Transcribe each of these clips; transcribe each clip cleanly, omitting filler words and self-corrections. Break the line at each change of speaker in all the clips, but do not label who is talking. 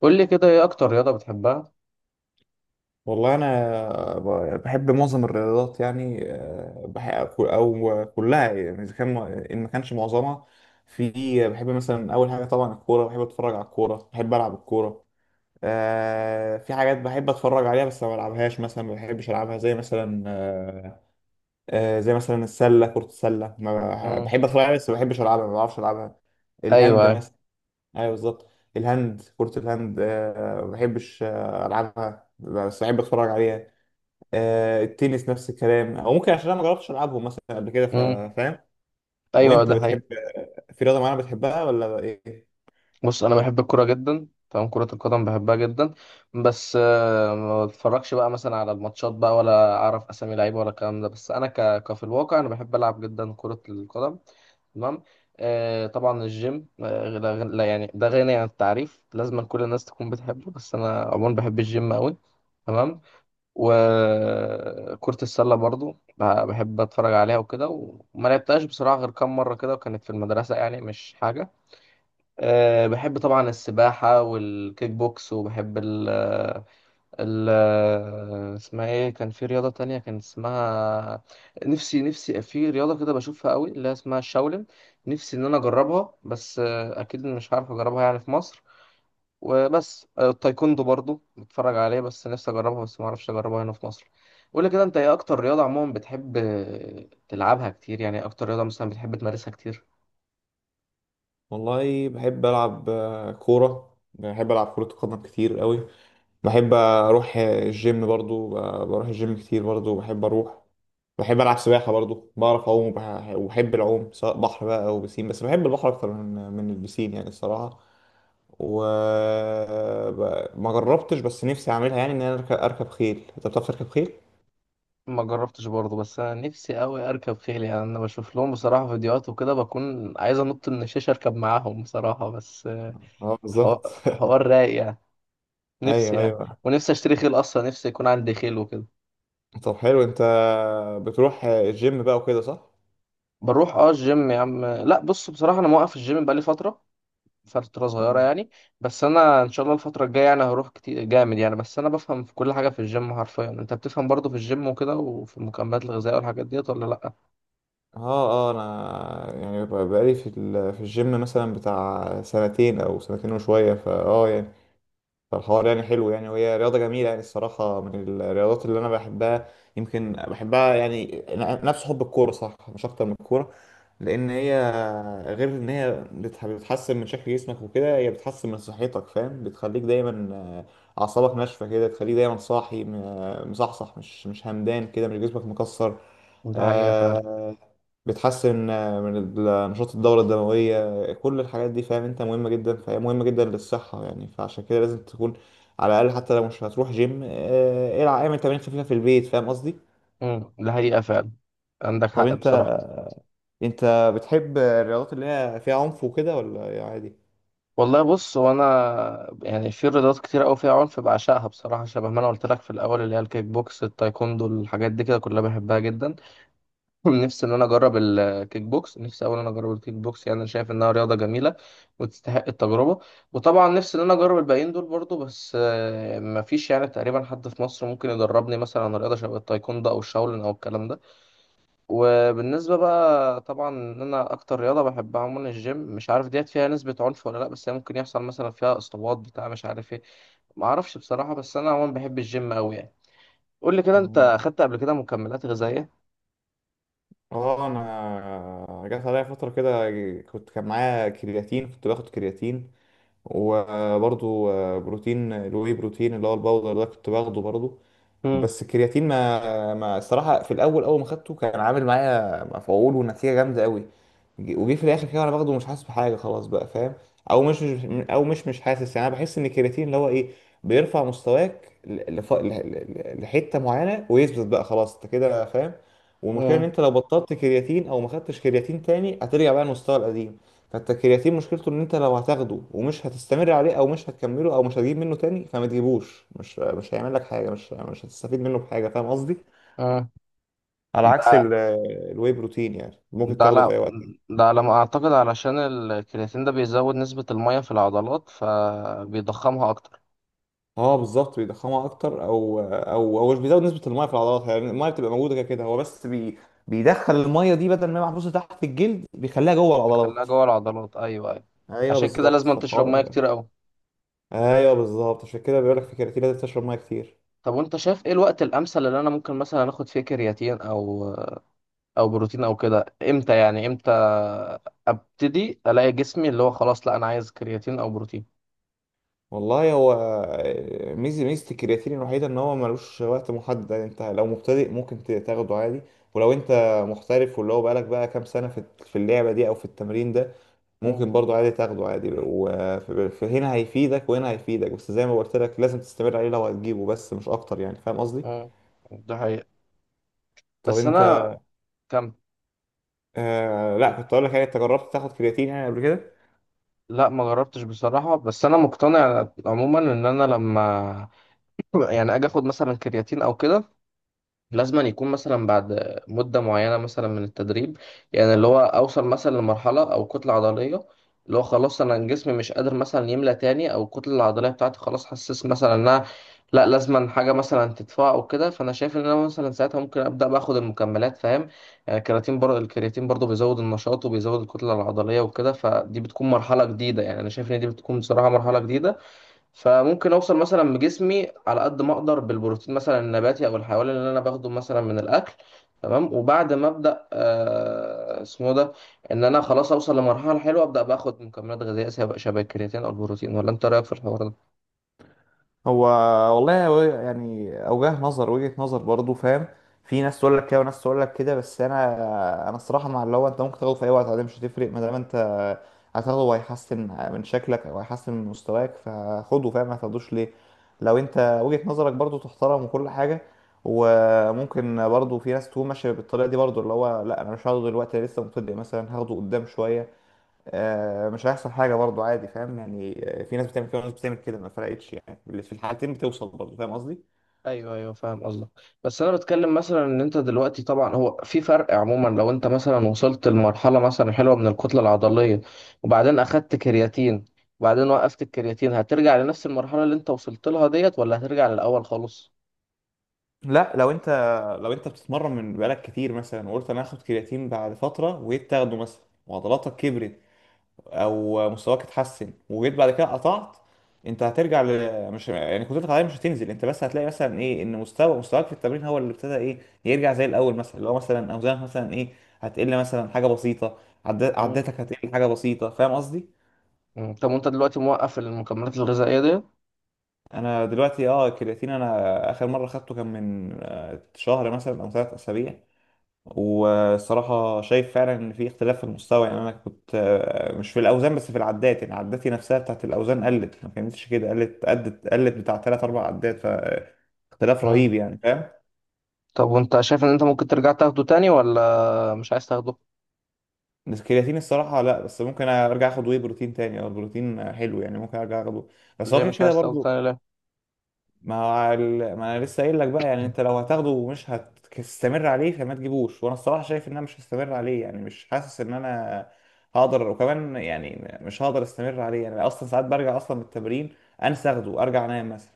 قول لي كده ايه اكتر رياضة بتحبها.
والله انا بحب معظم الرياضات، يعني بحب او كلها، يعني اذا كان، ان ما كانش معظمها. في، بحب مثلا اول حاجه طبعا الكوره، بحب اتفرج على الكوره، بحب العب الكوره. في حاجات بحب اتفرج عليها بس ما بلعبهاش، مثلا ما بحبش العبها، زي مثلا زي مثلا السله، كره السله، ما بح-
امم.
بحب اتفرج عليها بس ما بحبش العبها، ما بعرفش العبها. الهاند
ايوه.
مثلا. ايوه بالظبط. الهاند، كره الهاند، ما بحبش العبها بس بحب اتفرج عليها. التنس نفس الكلام، او ممكن عشان انا ما جربتش العبهم مثلا قبل كده. ف-
امم.
فاهم
ايوه
وانت
ده حقيقي.
بتحب، في رياضه معينه بتحبها ولا ايه؟
بص انا بحب الكوره جدا، تمام، كرة القدم بحبها جدا. بس ما بتفرجش بقى مثلا على الماتشات بقى، ولا اعرف اسامي لعيبه ولا الكلام ده. بس انا كفي الواقع انا بحب العب جدا كرة القدم. تمام. آه طبعا الجيم، آه لا غن- لا يعني ده غني عن التعريف، لازم كل الناس تكون بتحبه، بس انا عموما بحب الجيم قوي. تمام. وكرة السلة برضو بحب اتفرج عليها وكده، وما لعبتهاش بصراحة غير كام مرة كده، وكانت في المدرسة، يعني مش حاجة. أه بحب طبعا السباحة والكيك بوكس، وبحب ال ال اسمها ايه، كان في رياضة تانية كان اسمها، نفسي في رياضة كده بشوفها قوي، اللي هي اسمها الشاولين. نفسي ان انا اجربها، بس اكيد مش هعرف اجربها يعني في مصر. وبس، التايكوندو برضو بتفرج عليه، بس نفسي اجربها بس ما اعرفش اجربها هنا في مصر. قول لي كده، انت ايه اكتر رياضة عموما بتحب تلعبها كتير، يعني إيه اكتر رياضة مثلا بتحب تمارسها كتير؟
والله بحب العب كوره، بحب العب كره قدم كتير قوي. بحب اروح الجيم برضو، بروح الجيم كتير، برضو بحب اروح. بحب العب سباحه برضو، بعرف اعوم وبحب العوم، سواء بحر بقى او بسين، بس بحب البحر اكتر من البسين يعني الصراحه. وما جربتش، بس نفسي اعملها، يعني ان انا اركب، أركب خيل. انت بتعرف تركب خيل؟
ما جربتش برضو، بس انا نفسي قوي اركب خيل، يعني انا بشوف لهم بصراحة فيديوهات وكده بكون عايز انط من الشاشة اركب معاهم بصراحة، بس
اه بالظبط.
الحوار الحوار رايق يعني. نفسي
ايوه
يعني،
ايوه.
ونفسي اشتري خيل اصلا، نفسي يكون عندي خيل وكده.
طب حلو، انت بتروح الجيم بقى وكده صح؟
بروح اه الجيم يا عم، لا بص بصراحة انا موقف الجيم بقالي فترة، فترة صغيرة
مم.
يعني. بس أنا إن شاء الله الفترة الجاية يعني هروح كتير جامد يعني، بس أنا بفهم في كل حاجة في الجيم حرفيا. أنت بتفهم برضه في الجيم وكده وفي المكملات الغذائية والحاجات ديت ولا لأ؟
اه اه، انا يعني، بقالي في في الجيم مثلا بتاع سنتين او سنتين وشويه. يعني، فالحوار يعني حلو يعني، وهي رياضة جميلة يعني الصراحة، من الرياضات اللي أنا بحبها. يمكن بحبها يعني نفس حب الكورة، صح مش أكتر من الكورة. لأن هي، غير إن هي بتحسن من شكل جسمك وكده، هي بتحسن من صحتك، فاهم؟ بتخليك دايما أعصابك ناشفة كده، تخليك دايما صاحي، مصحصح، مش همدان كده، مش جسمك مكسر.
ده حقيقة فعلا.
آه، بتحسن من نشاط الدورة الدموية، كل الحاجات دي فاهم انت، مهمة جدا، فهي مهمة جدا للصحة يعني، فعشان كده لازم تكون على الأقل، حتى لو مش هتروح جيم العب، اعمل تمارين خفيفة في البيت. فاهم قصدي؟
امم. ده حقيقة فعلا، عندك
طب
حق
انت،
بصراحة.
انت بتحب الرياضات اللي هي فيها عنف وكده، ولا إيه عادي؟
والله بص هو أنا، يعني في رياضات كتير أوي فيها عنف بعشقها بصراحة، شبه ما أنا قلت لك في الأول، اللي هي الكيك بوكس، التايكوندو، الحاجات دي كده كلها بحبها جدا. نفسي ان انا اجرب الكيك بوكس، نفسي اولا اجرب الكيك بوكس، يعني انا شايف انها رياضه جميله وتستحق التجربه. وطبعا نفسي ان انا اجرب الباقيين دول برضو، بس مفيش يعني تقريبا حد في مصر ممكن يدربني مثلا على رياضه شبه التايكوندو او الشاولين او الكلام ده. وبالنسبه بقى طبعا ان انا اكتر رياضه بحبها عموما الجيم، مش عارف ديت فيها نسبه عنف ولا لا، بس هي ممكن يحصل مثلا فيها اصابات بتاع مش عارف ايه، ما اعرفش بصراحه، بس انا عموما بحب الجيم قوي يعني. قول لي كده، انت
مم.
اخدت قبل كده مكملات غذائيه؟
اه، انا جات عليا فترة كده كنت، كان معايا كرياتين، كنت باخد كرياتين، وبرضو بروتين، الواي بروتين اللي هو الباودر ده، كنت باخده برضو.
امم.
بس الكرياتين ما الصراحه في الاول، اول ما خدته كان عامل معايا مفعول ونتيجه جامده قوي. وجي في الاخر كده وانا باخده مش حاسس بحاجه خلاص بقى، فاهم؟ او مش حاسس، يعني انا بحس ان الكرياتين اللي هو ايه، بيرفع مستواك لحته معينه ويثبت بقى خلاص انت كده، فاهم؟ والمشكله ان
امم.
انت لو بطلت كرياتين او ما خدتش كرياتين تاني هترجع بقى لمستوى القديم. فانت الكرياتين مشكلته ان انت لو هتاخده ومش هتستمر عليه او مش هتكمله او مش هتجيب منه تاني فما تجيبوش، مش هيعمل لك حاجه، مش هتستفيد منه بحاجه، فاهم قصدي؟ على عكس
ده.
الواي بروتين، يعني ممكن
ده
تاخده
على،
في اي وقت.
ده على ما اعتقد علشان الكرياتين ده بيزود نسبة المية في العضلات فبيضخمها اكتر.
اه بالظبط، بيضخمها اكتر، او هو مش بيزود نسبه الميه في العضلات، يعني الميه بتبقى موجوده كده كده، هو بس بيدخل الميه دي، بدل ما هي محبوسه تحت الجلد بيخليها جوه
بيخليها
العضلات.
جوه العضلات، ايوه ايوه.
ايوه
عشان كده
بالظبط،
لازم تشرب مية
فالحوار.
كتير قوي.
ايوه بالظبط، عشان كده بيقول لك في الكرياتين لازم تشرب ميه كتير.
طب وانت شايف ايه الوقت الامثل اللي انا ممكن مثلا اخد فيه كرياتين او او بروتين او كده، امتى يعني؟ امتى ابتدي الاقي جسمي اللي هو خلاص، لا انا عايز كرياتين او بروتين؟
والله هو ميزة الكرياتين الوحيدة ان هو ملوش وقت محدد. يعني انت لو مبتدئ ممكن تاخده عادي، ولو انت محترف واللي هو بقالك بقى كام سنة في اللعبة دي او في التمرين ده،
مم.
ممكن برضه عادي تاخده عادي وهنا هيفيدك وهنا هيفيدك، بس زي ما قلت لك لازم تستمر عليه لو هتجيبه بس مش اكتر يعني، فاهم قصدي؟
مم. ده حقيقة.
طب
بس
انت،
انا، كم،
آه لا كنت اقول لك يعني، انت جربت تاخد كرياتين يعني قبل كده؟
لا ما جربتش بصراحة، بس انا مقتنع عموما ان انا لما يعني اجي اخد مثلا كرياتين او كده، لازم أن يكون مثلا بعد مده معينه مثلا من التدريب، يعني اللي هو اوصل مثلا لمرحله او كتله عضليه اللي هو خلاص انا الجسم مش قادر مثلا يملى تاني، او الكتله العضليه بتاعتي خلاص حسيت مثلا انها لا، لازم أن حاجه مثلا تدفع او كده. فانا شايف ان انا مثلا ساعتها ممكن ابدا باخد المكملات، فاهم؟ يعني الكرياتين برضه، الكرياتين برضه بيزود النشاط وبيزود الكتله العضليه وكده، فدي بتكون مرحله جديده، يعني انا شايف ان دي بتكون بصراحه مرحله جديده. فممكن اوصل مثلا بجسمي على قد ما اقدر بالبروتين مثلا النباتي او الحيواني اللي انا باخده مثلا من الاكل، تمام، وبعد ما ابدا آه اسمه ده، ان انا خلاص اوصل لمرحله حلوه ابدا باخد مكملات غذائيه سواء شبه الكرياتين او البروتين. ولا انت رايك في الحوار ده؟
هو والله هو يعني اوجه نظر وجهة نظر برضو، فاهم. في ناس تقول لك كده وناس تقول لك كده، بس انا، انا الصراحه مع اللي هو انت ممكن تاخده في اي وقت عادي مش هتفرق، ما دام انت هتاخده وهيحسن من شكلك او هيحسن من مستواك فخده، فاهم؟ ما تاخدوش ليه؟ لو انت وجهة نظرك برضو تحترم وكل حاجه، وممكن برضو في ناس تكون ماشيه بالطريقه دي برضو اللي هو لا انا مش هاخده دلوقتي، لسه مبتدئ مثلا هاخده قدام شويه، مش هيحصل حاجه برضو عادي، فاهم يعني؟ في ناس بتعمل كده وناس بتعمل كده ما فرقتش يعني، اللي في الحالتين بتوصل برضو، فاهم قصدي؟
ايوه ايوه فاهم قصدك. بس انا بتكلم مثلا ان انت دلوقتي طبعا هو في فرق عموما، لو انت مثلا وصلت لمرحله مثلا حلوه من الكتله العضليه، وبعدين اخدت كرياتين، وبعدين وقفت الكرياتين، هترجع لنفس المرحله اللي انت وصلت لها ديت ولا هترجع للاول خالص؟
لا لو انت بتتمرن من بقالك كتير مثلا وقلت انا هاخد كرياتين بعد فتره، وجيت تاخده مثلا وعضلاتك كبرت او مستواك اتحسن، وجيت بعد كده قطعت، انت هترجع ل...، مش يعني قدرتك العضليه مش هتنزل، انت بس هتلاقي مثلا ايه، ان مستواك في التمرين هو اللي ابتدى ايه، يرجع زي الاول، مثلا اللي هو مثلا اوزانك مثلا ايه هتقل مثلا حاجه بسيطه، عد...
مم.
عداتك هتقل حاجه بسيطه، فاهم قصدي؟
مم. طب وانت دلوقتي موقف المكملات الغذائيه ديت؟
انا دلوقتي اه الكرياتين، انا اخر مره خدته كان من شهر مثلا او ثلاث اسابيع، والصراحه شايف فعلا ان في اختلاف في المستوى. يعني انا كنت مش في الاوزان بس في العدات، يعني عداتي نفسها بتاعت الاوزان قلت، ما كانتش كده قلت، قدت قلت بتاع ثلاث اربع عدات، فاختلاف
مم.
رهيب يعني فاهم؟
طب وانت شايف ان انت ممكن ترجع تاخده تاني ولا مش عايز تاخده؟
بس الكرياتين الصراحه لا، بس ممكن ارجع اخد واي بروتين تاني، او البروتين حلو يعني ممكن ارجع اخده بس هو
ليه
كده
مش
كده
عايز تاخده
برضو.
تاني ليه؟
ما، هو ما انا لسه قايل لك بقى يعني انت لو هتاخده ومش هتستمر عليه فما تجيبوش، وانا الصراحه شايف ان انا مش هستمر عليه، يعني مش حاسس ان انا هقدر، وكمان يعني مش هقدر استمر عليه يعني، اصلا ساعات برجع اصلا من التمرين انسى اخده، ارجع انام مثلا،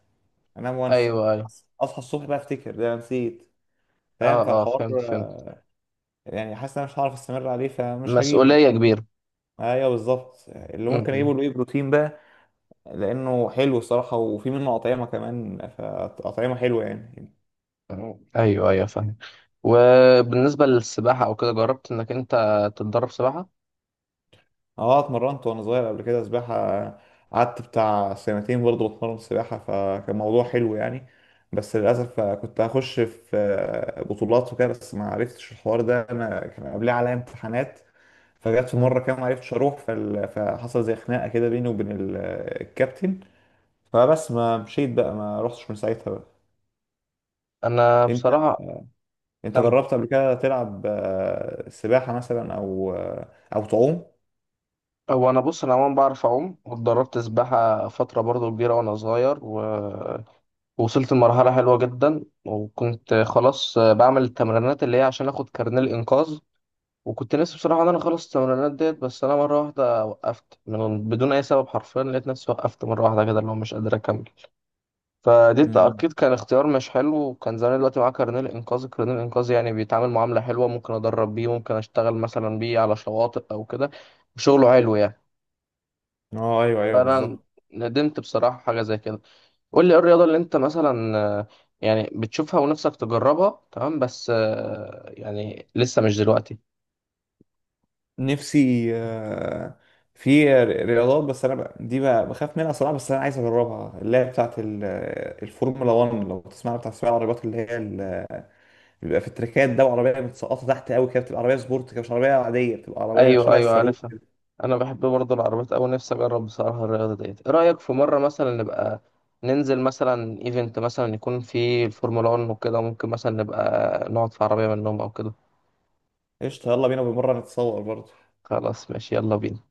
انام وانسى،
ايوه ايوه.
اصحى الصبح بقى افتكر، ده أنا نسيت، فاهم؟
اه اه
فالحوار
فهمت فهمت.
يعني حاسس ان انا مش هعرف استمر عليه فمش هجيبه.
مسؤوليه كبيره.
ايوه بالظبط، اللي ممكن اجيبه
مم.
الواي بروتين بقى، لانه حلو الصراحه وفي منه اطعمه كمان، فاطعمه حلوه يعني.
ايوه ايوه فاهم. وبالنسبه للسباحه او كده، جربت انك انت تتدرب سباحه؟
اه اتمرنت وانا صغير قبل كده سباحة، قعدت بتاع سنتين برضه بتمرن سباحة فكان موضوع حلو يعني. بس للأسف كنت هخش في بطولات وكده بس ما عرفتش الحوار ده، أنا كان قبليه عليا امتحانات، فجت في مرة
مم.
كده ما عرفتش أروح، فحصل زي خناقة كده بيني وبين الكابتن، فبس ما مشيت بقى ما رحتش من ساعتها بقى.
انا
أنت،
بصراحه،
أنت
كم،
جربت قبل كده تلعب سباحة مثلا، أو تعوم؟
هو انا بص انا عموما بعرف اعوم، واتدربت سباحه فتره برضو كبيره وانا صغير ووصلت لمرحله حلوه جدا، وكنت خلاص بعمل التمرينات اللي هي عشان اخد كارنيه الانقاذ. وكنت نفسي بصراحه ان انا اخلص التمرينات ديت، بس انا مره واحده وقفت من بدون اي سبب حرفيا، لقيت نفسي وقفت مره واحده كده اللي هو مش قادر اكمل. فدي
مم.
اكيد كان اختيار مش حلو، وكان زمان دلوقتي معاه كارنيه الانقاذ، الكارنيه الانقاذ يعني بيتعامل معامله حلوه، ممكن ادرب بيه، ممكن اشتغل مثلا بيه على شواطئ او كده، وشغله حلو يعني.
اه ايوه ايوه
فانا
بالظبط.
ندمت بصراحه حاجه زي كده. قول لي ايه الرياضه اللي انت مثلا يعني بتشوفها ونفسك تجربها، تمام، بس يعني لسه مش دلوقتي؟
نفسي في رياضات، بس انا دي بخاف منها صراحه، بس انا عايز اجربها، اللي هي بتاعت الفورمولا 1، لو تسمع، بتاع سباق العربيات بيبقى في التراكات ده، وعربيه متسقطه تحت قوي كده، بتبقى عربيه سبورت كده مش عربيه عاديه، بتبقى عربيه
ايوه
شبه
ايوه
الصاروخ
عارفها.
كده.
انا بحب برضه العربيات اوي، نفسي اجرب بصراحه الرياضه ديت. ايه رايك في مره مثلا نبقى ننزل مثلا ايفنت مثلا يكون فيه الفورمولا 1 وكده، ممكن مثلا نبقى نقعد في عربيه منهم او كده؟
قشطه يلا بينا، بمره نتصور برضه.
خلاص ماشي، يلا بينا.